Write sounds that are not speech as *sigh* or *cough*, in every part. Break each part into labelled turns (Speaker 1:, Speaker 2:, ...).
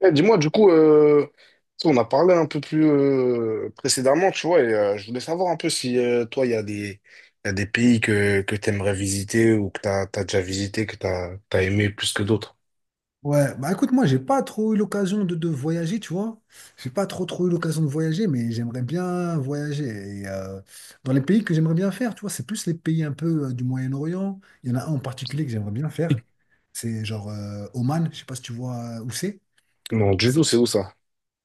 Speaker 1: Eh, dis-moi, du coup, euh, tu sais, on a parlé un peu plus précédemment, tu vois, et je voulais savoir un peu si toi, il y a des pays que tu aimerais visiter ou que tu as, déjà visité, que tu as, aimé plus que d'autres.
Speaker 2: Ouais, bah écoute, moi, j'ai pas trop eu l'occasion de voyager, tu vois. J'ai pas trop trop eu l'occasion de voyager, mais j'aimerais bien voyager. Et dans les pays que j'aimerais bien faire, tu vois, c'est plus les pays un peu du Moyen-Orient. Il y en a un en particulier que j'aimerais bien faire. C'est genre Oman, je sais pas si tu vois où c'est.
Speaker 1: Non, du
Speaker 2: C'est
Speaker 1: tout, c'est où ça?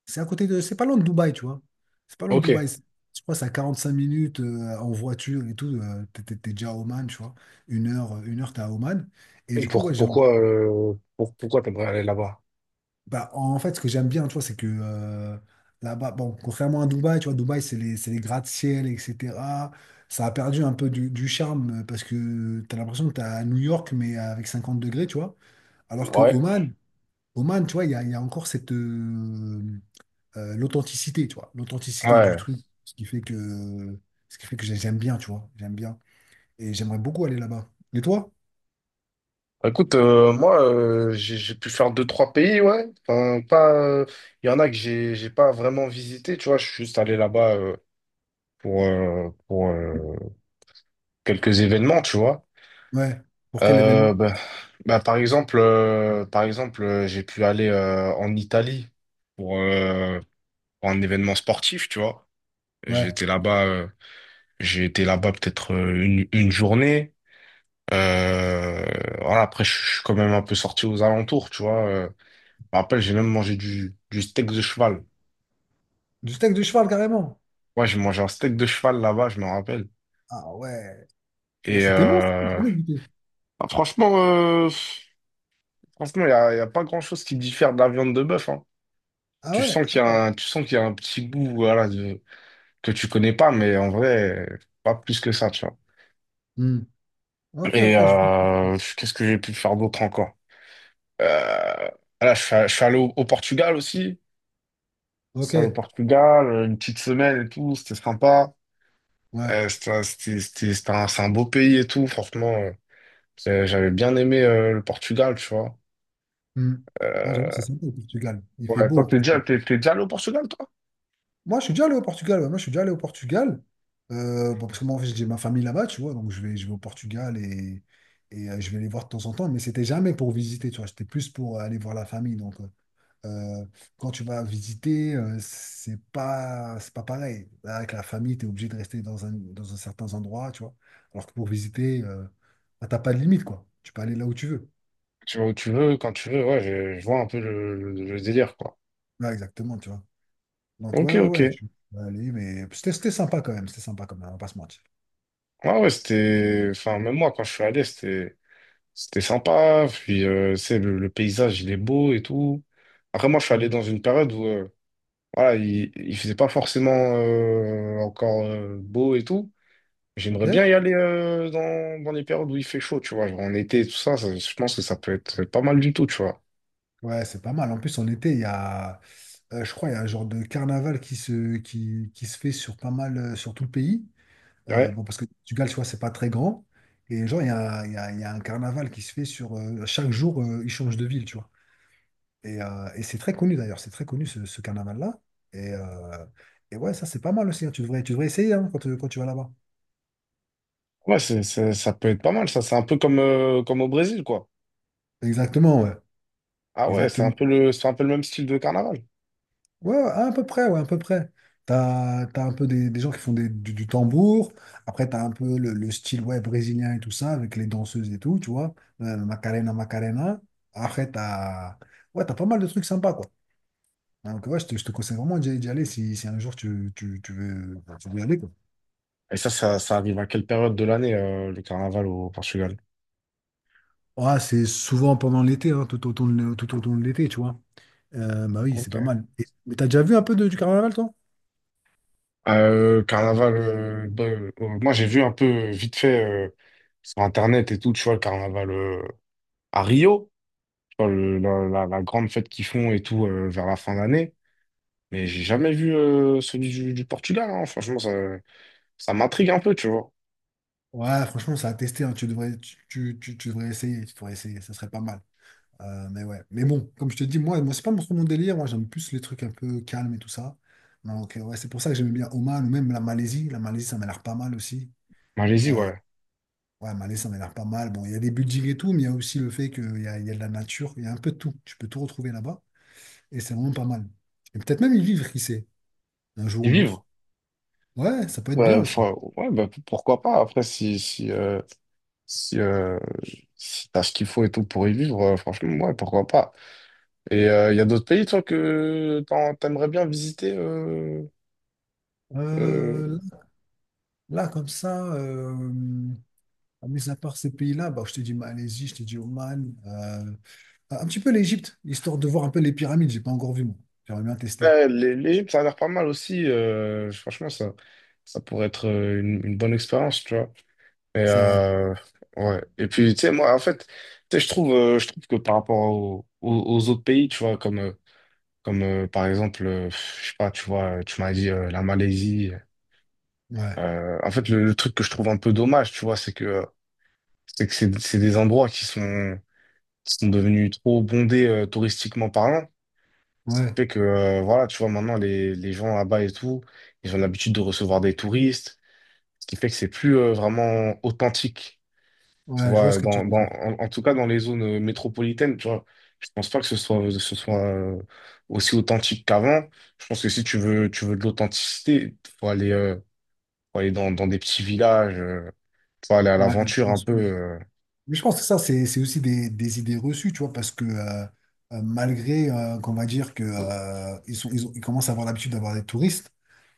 Speaker 2: c'est à côté de. C'est pas loin de Dubaï, tu vois. C'est pas loin de
Speaker 1: Ok.
Speaker 2: Dubaï. C'est- Je crois que c'est à 45 minutes en voiture et tout. T'es déjà à Oman, tu vois. Une heure, 1 heure, t'es à Oman. Et du coup, ouais, j'ai Mhm.
Speaker 1: Pourquoi, pourquoi tu aimerais aller là-bas?
Speaker 2: Bah, en fait, ce que j'aime bien, tu vois, c'est que là-bas, bon, contrairement à Dubaï, tu vois, Dubaï, c'est les gratte-ciel, etc. Ça a perdu un peu du charme parce que tu as l'impression que tu es à New York, mais avec 50 degrés, tu vois. Alors que
Speaker 1: Ouais,
Speaker 2: Oman, Oman, tu vois, il y a encore cette, l'authenticité, tu vois, l'authenticité du
Speaker 1: ouais.
Speaker 2: truc, ce qui fait que, ce qui fait que j'aime bien, tu vois, j'aime bien. Et j'aimerais beaucoup aller là-bas. Et toi?
Speaker 1: Bah, écoute, moi, j'ai pu faire deux, trois pays, ouais. Enfin, pas, il y en a que j'ai pas vraiment visité, tu vois. Je suis juste allé là-bas pour, quelques événements, tu vois.
Speaker 2: Ouais. Pour quel événement?
Speaker 1: Euh, bah, par exemple, j'ai pu aller en Italie pour, euh, pour un événement sportif, tu vois. J'ai
Speaker 2: Ouais.
Speaker 1: été là-bas, j'ai été là-bas peut-être une journée. Euh, voilà, après, je suis quand même un peu sorti aux alentours, tu vois. Je me rappelle, j'ai même mangé du steak de cheval.
Speaker 2: Du steak de cheval, carrément.
Speaker 1: Ouais, j'ai mangé un steak de cheval là-bas, je me rappelle.
Speaker 2: Ah ouais. Bah,
Speaker 1: Et
Speaker 2: c'était bon, ça, je
Speaker 1: euh,
Speaker 2: savais goûter.
Speaker 1: bah, franchement, y a pas grand-chose qui diffère de la viande de bœuf, hein.
Speaker 2: Ah ouais? Ah.
Speaker 1: Tu sens qu'il y a un petit goût, voilà, de, que tu connais pas, mais en vrai, pas plus que ça, tu vois.
Speaker 2: Hmm. Ok, ok, je...
Speaker 1: Qu'est-ce que j'ai pu faire d'autre encore? Euh, voilà, je suis allé au Portugal aussi. Je
Speaker 2: Ok,
Speaker 1: suis allé au Portugal, une petite semaine et tout, c'était sympa.
Speaker 2: ouais.
Speaker 1: C'était un, c'est un beau pays et tout, franchement. J'avais bien aimé le Portugal, tu vois.
Speaker 2: Hmm. Ah, j'avoue, c'est
Speaker 1: Euh,
Speaker 2: sympa le Portugal. Il fait
Speaker 1: ouais,
Speaker 2: beau
Speaker 1: toi,
Speaker 2: en plus.
Speaker 1: t'es déjà allé au Portugal, toi?
Speaker 2: Moi, je suis déjà allé au Portugal. Ouais. Moi, je suis déjà allé au Portugal. Bon, parce que moi, en fait, j'ai ma famille là-bas, tu vois. Donc, je vais au Portugal et, je vais les voir de temps en temps. Mais c'était jamais pour visiter, tu vois. C'était plus pour aller voir la famille. Euh, Quand tu vas visiter, c'est pas pareil. Là, avec la famille, tu es obligé de rester dans un certain endroit, tu vois. Alors que pour visiter, bah, t'as pas de limite, quoi. Tu peux aller là où tu veux.
Speaker 1: Tu vas où tu veux, quand tu veux, ouais, je vois un peu le délire, quoi.
Speaker 2: Là, exactement, tu vois. Donc,
Speaker 1: Ok, ok.
Speaker 2: ouais, je suis allé, mais c'était sympa quand même. C'était sympa quand même, on va pas se mentir.
Speaker 1: Ouais, ouais, c'était. Enfin, même moi, quand je suis allé, c'était sympa. Puis, tu sais, le paysage, il est beau et tout. Après, moi, je suis
Speaker 2: Mm.
Speaker 1: allé dans une période où, voilà, il faisait pas forcément encore beau et tout. J'aimerais
Speaker 2: Ok?
Speaker 1: bien y aller dans, dans les périodes où il fait chaud, tu vois. Genre en été tout ça, ça, je pense que ça peut être pas mal du tout, tu vois.
Speaker 2: Ouais, c'est pas mal. En plus, en été, je crois, il y a un genre de carnaval qui se fait sur pas mal, sur tout le pays.
Speaker 1: Ouais,
Speaker 2: Bon, parce que le Portugal, tu vois, c'est pas très grand. Et genre, il y a un carnaval qui se fait sur. Chaque jour, il change de ville, tu vois. Et c'est très connu d'ailleurs, c'est très connu ce carnaval-là. Et, euh, et ouais, ça, c'est pas mal aussi, hein. Tu devrais essayer hein, quand tu vas là-bas.
Speaker 1: ouais, ça peut être pas mal, ça. C'est un peu comme, comme au Brésil, quoi.
Speaker 2: Exactement, ouais.
Speaker 1: Ah ouais,
Speaker 2: Exactement.
Speaker 1: c'est un peu le même style de carnaval.
Speaker 2: Ouais, à peu près, ouais, à peu près. T'as un peu des gens qui font du tambour. Après, t'as un peu le style ouais, brésilien et tout ça, avec les danseuses et tout, tu vois. Macarena, Macarena. Après, t'as. Ouais, t'as pas mal de trucs sympas, quoi. Donc, ouais, je te conseille vraiment d'y aller si, si un jour tu veux y aller, quoi.
Speaker 1: Et ça arrive à quelle période de l'année, le carnaval au Portugal?
Speaker 2: Ouais, c'est souvent pendant l'été, hein, tout autour de l'été, tu vois. Bah oui, c'est pas
Speaker 1: Ok.
Speaker 2: mal. Et- mais t'as déjà vu un peu du carnaval, toi?
Speaker 1: Carnaval, moi j'ai vu un peu vite fait sur Internet et tout, tu vois, le carnaval à Rio, tu vois, la grande fête qu'ils font et tout vers la fin d'année. Mais j'ai jamais vu celui du Portugal, hein. Franchement, ça m'intrigue un peu, tu vois.
Speaker 2: Ouais, franchement, ça a testé, hein. Tu devrais essayer. Tu devrais essayer. Ça serait pas mal. Mais ouais. Mais bon, comme je te dis, moi, moi c'est pas trop mon délire. Moi, j'aime plus les trucs un peu calmes et tout ça. Donc, ouais, c'est pour ça que j'aimais bien Oman ou même la Malaisie. La Malaisie, ça m'a l'air pas mal aussi.
Speaker 1: Malaisie, ouais.
Speaker 2: Ouais, Malaisie, ça m'a l'air pas mal. Bon, il y a des buildings et tout, mais il y a aussi le fait il y a de la nature. Il y a un peu de tout. Tu peux tout retrouver là-bas. Et c'est vraiment pas mal. Et peut-être même y vivre, qui sait, un jour
Speaker 1: Et
Speaker 2: ou l'autre.
Speaker 1: vivre.
Speaker 2: Ouais, ça peut être bien
Speaker 1: Ouais,
Speaker 2: aussi.
Speaker 1: ouais, bah, pourquoi pas. Après, si, euh, si t'as ce qu'il faut et tout pour y vivre, franchement, ouais, pourquoi pas. Il y a d'autres pays, toi, t'aimerais bien visiter euh,
Speaker 2: Euh, là, comme ça, mis à part ces pays-là, bah, je te dis Malaisie, je te dis Oman. Un petit peu l'Égypte, histoire de voir un peu les pyramides. J'ai pas encore vu, moi. J'aimerais bien tester.
Speaker 1: ouais, les îles, ça a l'air pas mal aussi. Franchement, ça pourrait être une bonne expérience, tu vois. Et,
Speaker 2: C'est vrai.
Speaker 1: euh, ouais. Et puis, tu sais, moi, en fait, tu sais, je trouve que par rapport aux autres pays, tu vois, comme par exemple, je sais pas, tu vois, tu m'as dit la Malaisie.
Speaker 2: Ouais.
Speaker 1: En fait, le truc que je trouve un peu dommage, tu vois, c'est que c'est des endroits qui sont sont devenus trop bondés touristiquement parlant. Ce qui
Speaker 2: Ouais.
Speaker 1: fait que, voilà, tu vois, maintenant, les gens là-bas et tout, ils ont l'habitude de recevoir des touristes, ce qui fait que c'est plus vraiment authentique, tu
Speaker 2: Ouais, je vois ce
Speaker 1: vois,
Speaker 2: que tu veux dire.
Speaker 1: en tout cas dans les zones métropolitaines, tu vois. Je pense pas que ce soit aussi authentique qu'avant. Je pense que si tu veux de l'authenticité, faut aller dans, dans des petits villages, faut aller à
Speaker 2: Ouais, je
Speaker 1: l'aventure un
Speaker 2: pense.
Speaker 1: peu.
Speaker 2: Mais je pense que ça, c'est aussi des idées reçues, tu vois, parce que malgré qu'on va dire que ils sont, ils commencent à avoir l'habitude d'avoir des touristes,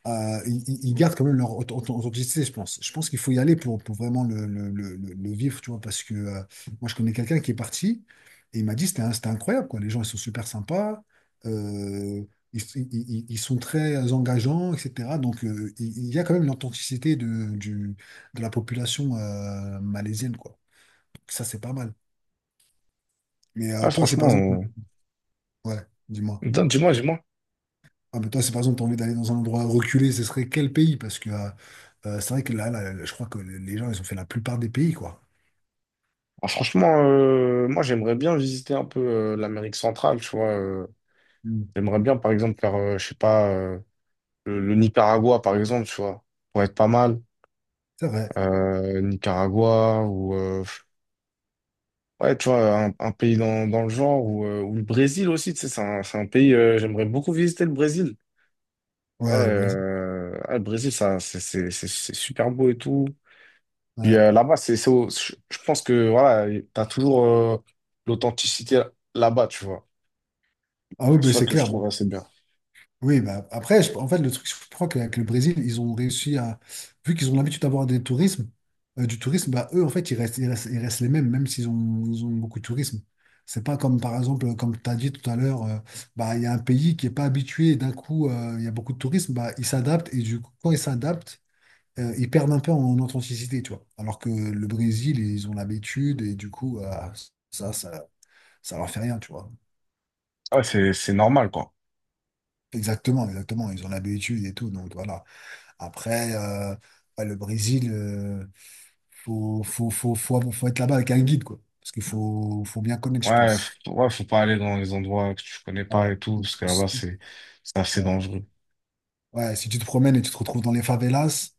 Speaker 2: ils gardent quand même leur authenticité, je pense. Je pense qu'il faut y aller pour vraiment le vivre, tu vois, parce que moi, je connais quelqu'un qui est parti et il m'a dit c'était un- c'était incroyable, quoi. Les gens, ils sont super sympas, euh, ils sont très engageants, etc. Donc, il y a quand même l'authenticité de la population malaisienne, quoi. Ça, c'est pas mal. Mais
Speaker 1: Ah,
Speaker 2: toi, c'est par exemple.
Speaker 1: euh,
Speaker 2: Ouais, dis-moi.
Speaker 1: dis-moi, dis-moi.
Speaker 2: Ah, mais toi, c'est par exemple, t'as envie d'aller dans un endroit reculé, ce serait quel pays? Parce que c'est vrai que là, je crois que les gens, ils ont fait la plupart des pays, quoi.
Speaker 1: Ah, franchement, moi j'aimerais bien visiter un peu l'Amérique centrale, tu vois.
Speaker 2: Mm.
Speaker 1: J'aimerais bien, par exemple, faire, je sais pas, le Nicaragua, par exemple, tu vois. Pourrait être pas mal.
Speaker 2: C'est vrai.
Speaker 1: Nicaragua ou ouais, tu vois, un pays dans, dans le genre ou le Brésil aussi, tu sais, c'est un pays. J'aimerais beaucoup visiter le Brésil. Ouais,
Speaker 2: Ouais, le Brésil.
Speaker 1: ah, le Brésil, ça, c'est super beau et tout. Puis
Speaker 2: Ouais.
Speaker 1: là-bas, je pense que voilà, t'as toujours l'authenticité là-bas, tu vois.
Speaker 2: Ah oui,
Speaker 1: C'est
Speaker 2: mais
Speaker 1: ça
Speaker 2: c'est
Speaker 1: que je
Speaker 2: clair. Bon.
Speaker 1: trouve assez bien.
Speaker 2: Oui, bah après, je- en fait, le truc, je crois qu'avec le Brésil, ils ont réussi à, vu qu'ils ont l'habitude d'avoir des tourismes, du tourisme, bah eux, en fait, ils restent les mêmes, même ils ont beaucoup de tourisme. C'est pas comme, par exemple, comme tu as dit tout à l'heure, bah, il y a un pays qui est pas habitué, et d'un coup, il y a beaucoup de tourisme, bah, ils s'adaptent, et du coup, quand ils s'adaptent, ils perdent un peu en authenticité, tu vois. Alors que le Brésil, ils ont l'habitude, et du coup, ça, ça, ça leur fait rien, tu vois.
Speaker 1: Ah, c'est normal, quoi.
Speaker 2: Exactement, exactement, ils ont l'habitude et tout, donc voilà. Après, ouais, le Brésil, faut être là-bas avec un guide, quoi. Parce faut bien connaître, je
Speaker 1: Ouais,
Speaker 2: pense.
Speaker 1: ouais, faut pas aller dans les endroits que tu connais pas
Speaker 2: Voilà.
Speaker 1: et tout, parce que
Speaker 2: Si
Speaker 1: là-bas,
Speaker 2: tu-
Speaker 1: c'est assez
Speaker 2: ouais.
Speaker 1: dangereux.
Speaker 2: Ouais, si tu te promènes et tu te retrouves dans les favelas,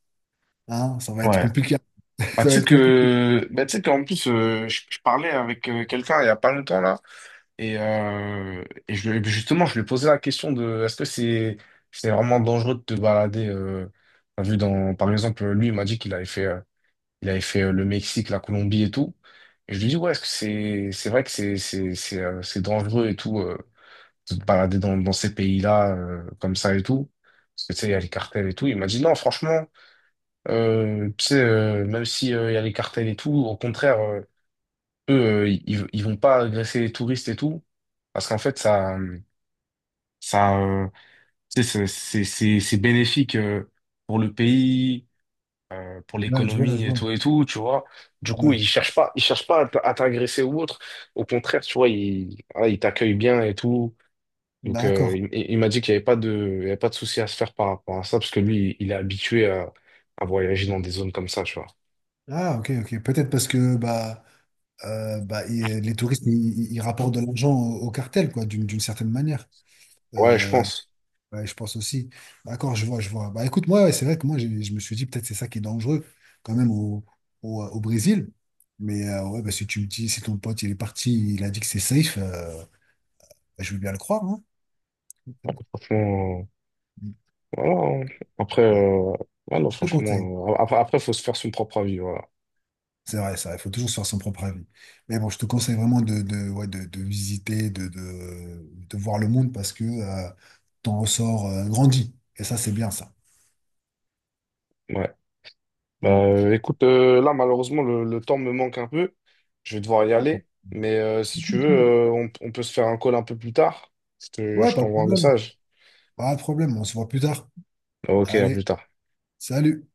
Speaker 2: hein, ça va être
Speaker 1: Ouais.
Speaker 2: compliqué. *laughs*
Speaker 1: Bah,
Speaker 2: Ça va être compliqué.
Speaker 1: bah, tu sais qu'en plus, je parlais avec quelqu'un il y a pas longtemps, là, et, euh, justement, je lui ai posé la question de, est-ce que c'est vraiment dangereux de te balader, t'as vu dans, par exemple, lui, il m'a dit qu'il avait fait, il avait fait le Mexique, la Colombie et tout. Et je lui dis, ouais, est-ce que c'est vrai que c'est dangereux et tout. De te balader dans, dans ces pays-là comme ça et tout. Parce que tu sais, il y a les cartels et tout. Il m'a dit non, franchement, tu sais, même si il y a les cartels et tout, au contraire, eux, ils vont pas agresser les touristes et tout. Parce qu'en fait, ça, euh, tu sais, c'est bénéfique pour le pays, pour
Speaker 2: Ouais, je vois, je
Speaker 1: l'économie
Speaker 2: vois.
Speaker 1: et tout, tu vois. Du coup,
Speaker 2: Ouais.
Speaker 1: ils cherchent pas à t'agresser ou autre. Au contraire, tu vois, ils, voilà, ils t'accueillent bien et tout. Donc,
Speaker 2: D'accord.
Speaker 1: il m'a dit qu'il n'y avait pas de, il y avait pas de souci à se faire par rapport à ça, parce que lui, il est habitué à voyager dans des zones comme ça, tu vois.
Speaker 2: Ah, ok, ok. Peut-être parce que bah, les touristes, ils rapportent de l'argent au cartel, quoi, d'une certaine manière.
Speaker 1: Ouais, je
Speaker 2: Euh,
Speaker 1: pense.
Speaker 2: Ouais, je pense aussi. Bah, d'accord, je vois, je vois. Bah écoute, moi, ouais, c'est vrai que moi, j'ai- je me suis dit peut-être c'est ça qui est dangereux quand même au Brésil. Mais ouais, bah, si tu me dis, si ton pote il est parti, il a dit que c'est safe, bah, je veux bien le croire, hein.
Speaker 1: Franchement, voilà. Hein. Après, ouais, non,
Speaker 2: Je te conseille.
Speaker 1: franchement, après, faut se faire son propre avis, voilà.
Speaker 2: C'est vrai, ça, il faut toujours se faire son propre avis. Mais bon, je te conseille vraiment de visiter, de voir le monde parce que ton ressort grandit. Et ça, c'est bien ça.
Speaker 1: Ouais. Bah,
Speaker 2: Mm.
Speaker 1: écoute, là, malheureusement, le temps me manque un peu. Je vais devoir y
Speaker 2: Ah, pas
Speaker 1: aller. Mais si
Speaker 2: de
Speaker 1: tu veux,
Speaker 2: souci.
Speaker 1: on peut se faire un call un peu plus tard.
Speaker 2: Ouais,
Speaker 1: Je
Speaker 2: pas de
Speaker 1: t'envoie un
Speaker 2: problème.
Speaker 1: message.
Speaker 2: Pas de problème, on se voit plus tard.
Speaker 1: Ok, à
Speaker 2: Allez,
Speaker 1: plus tard.
Speaker 2: salut.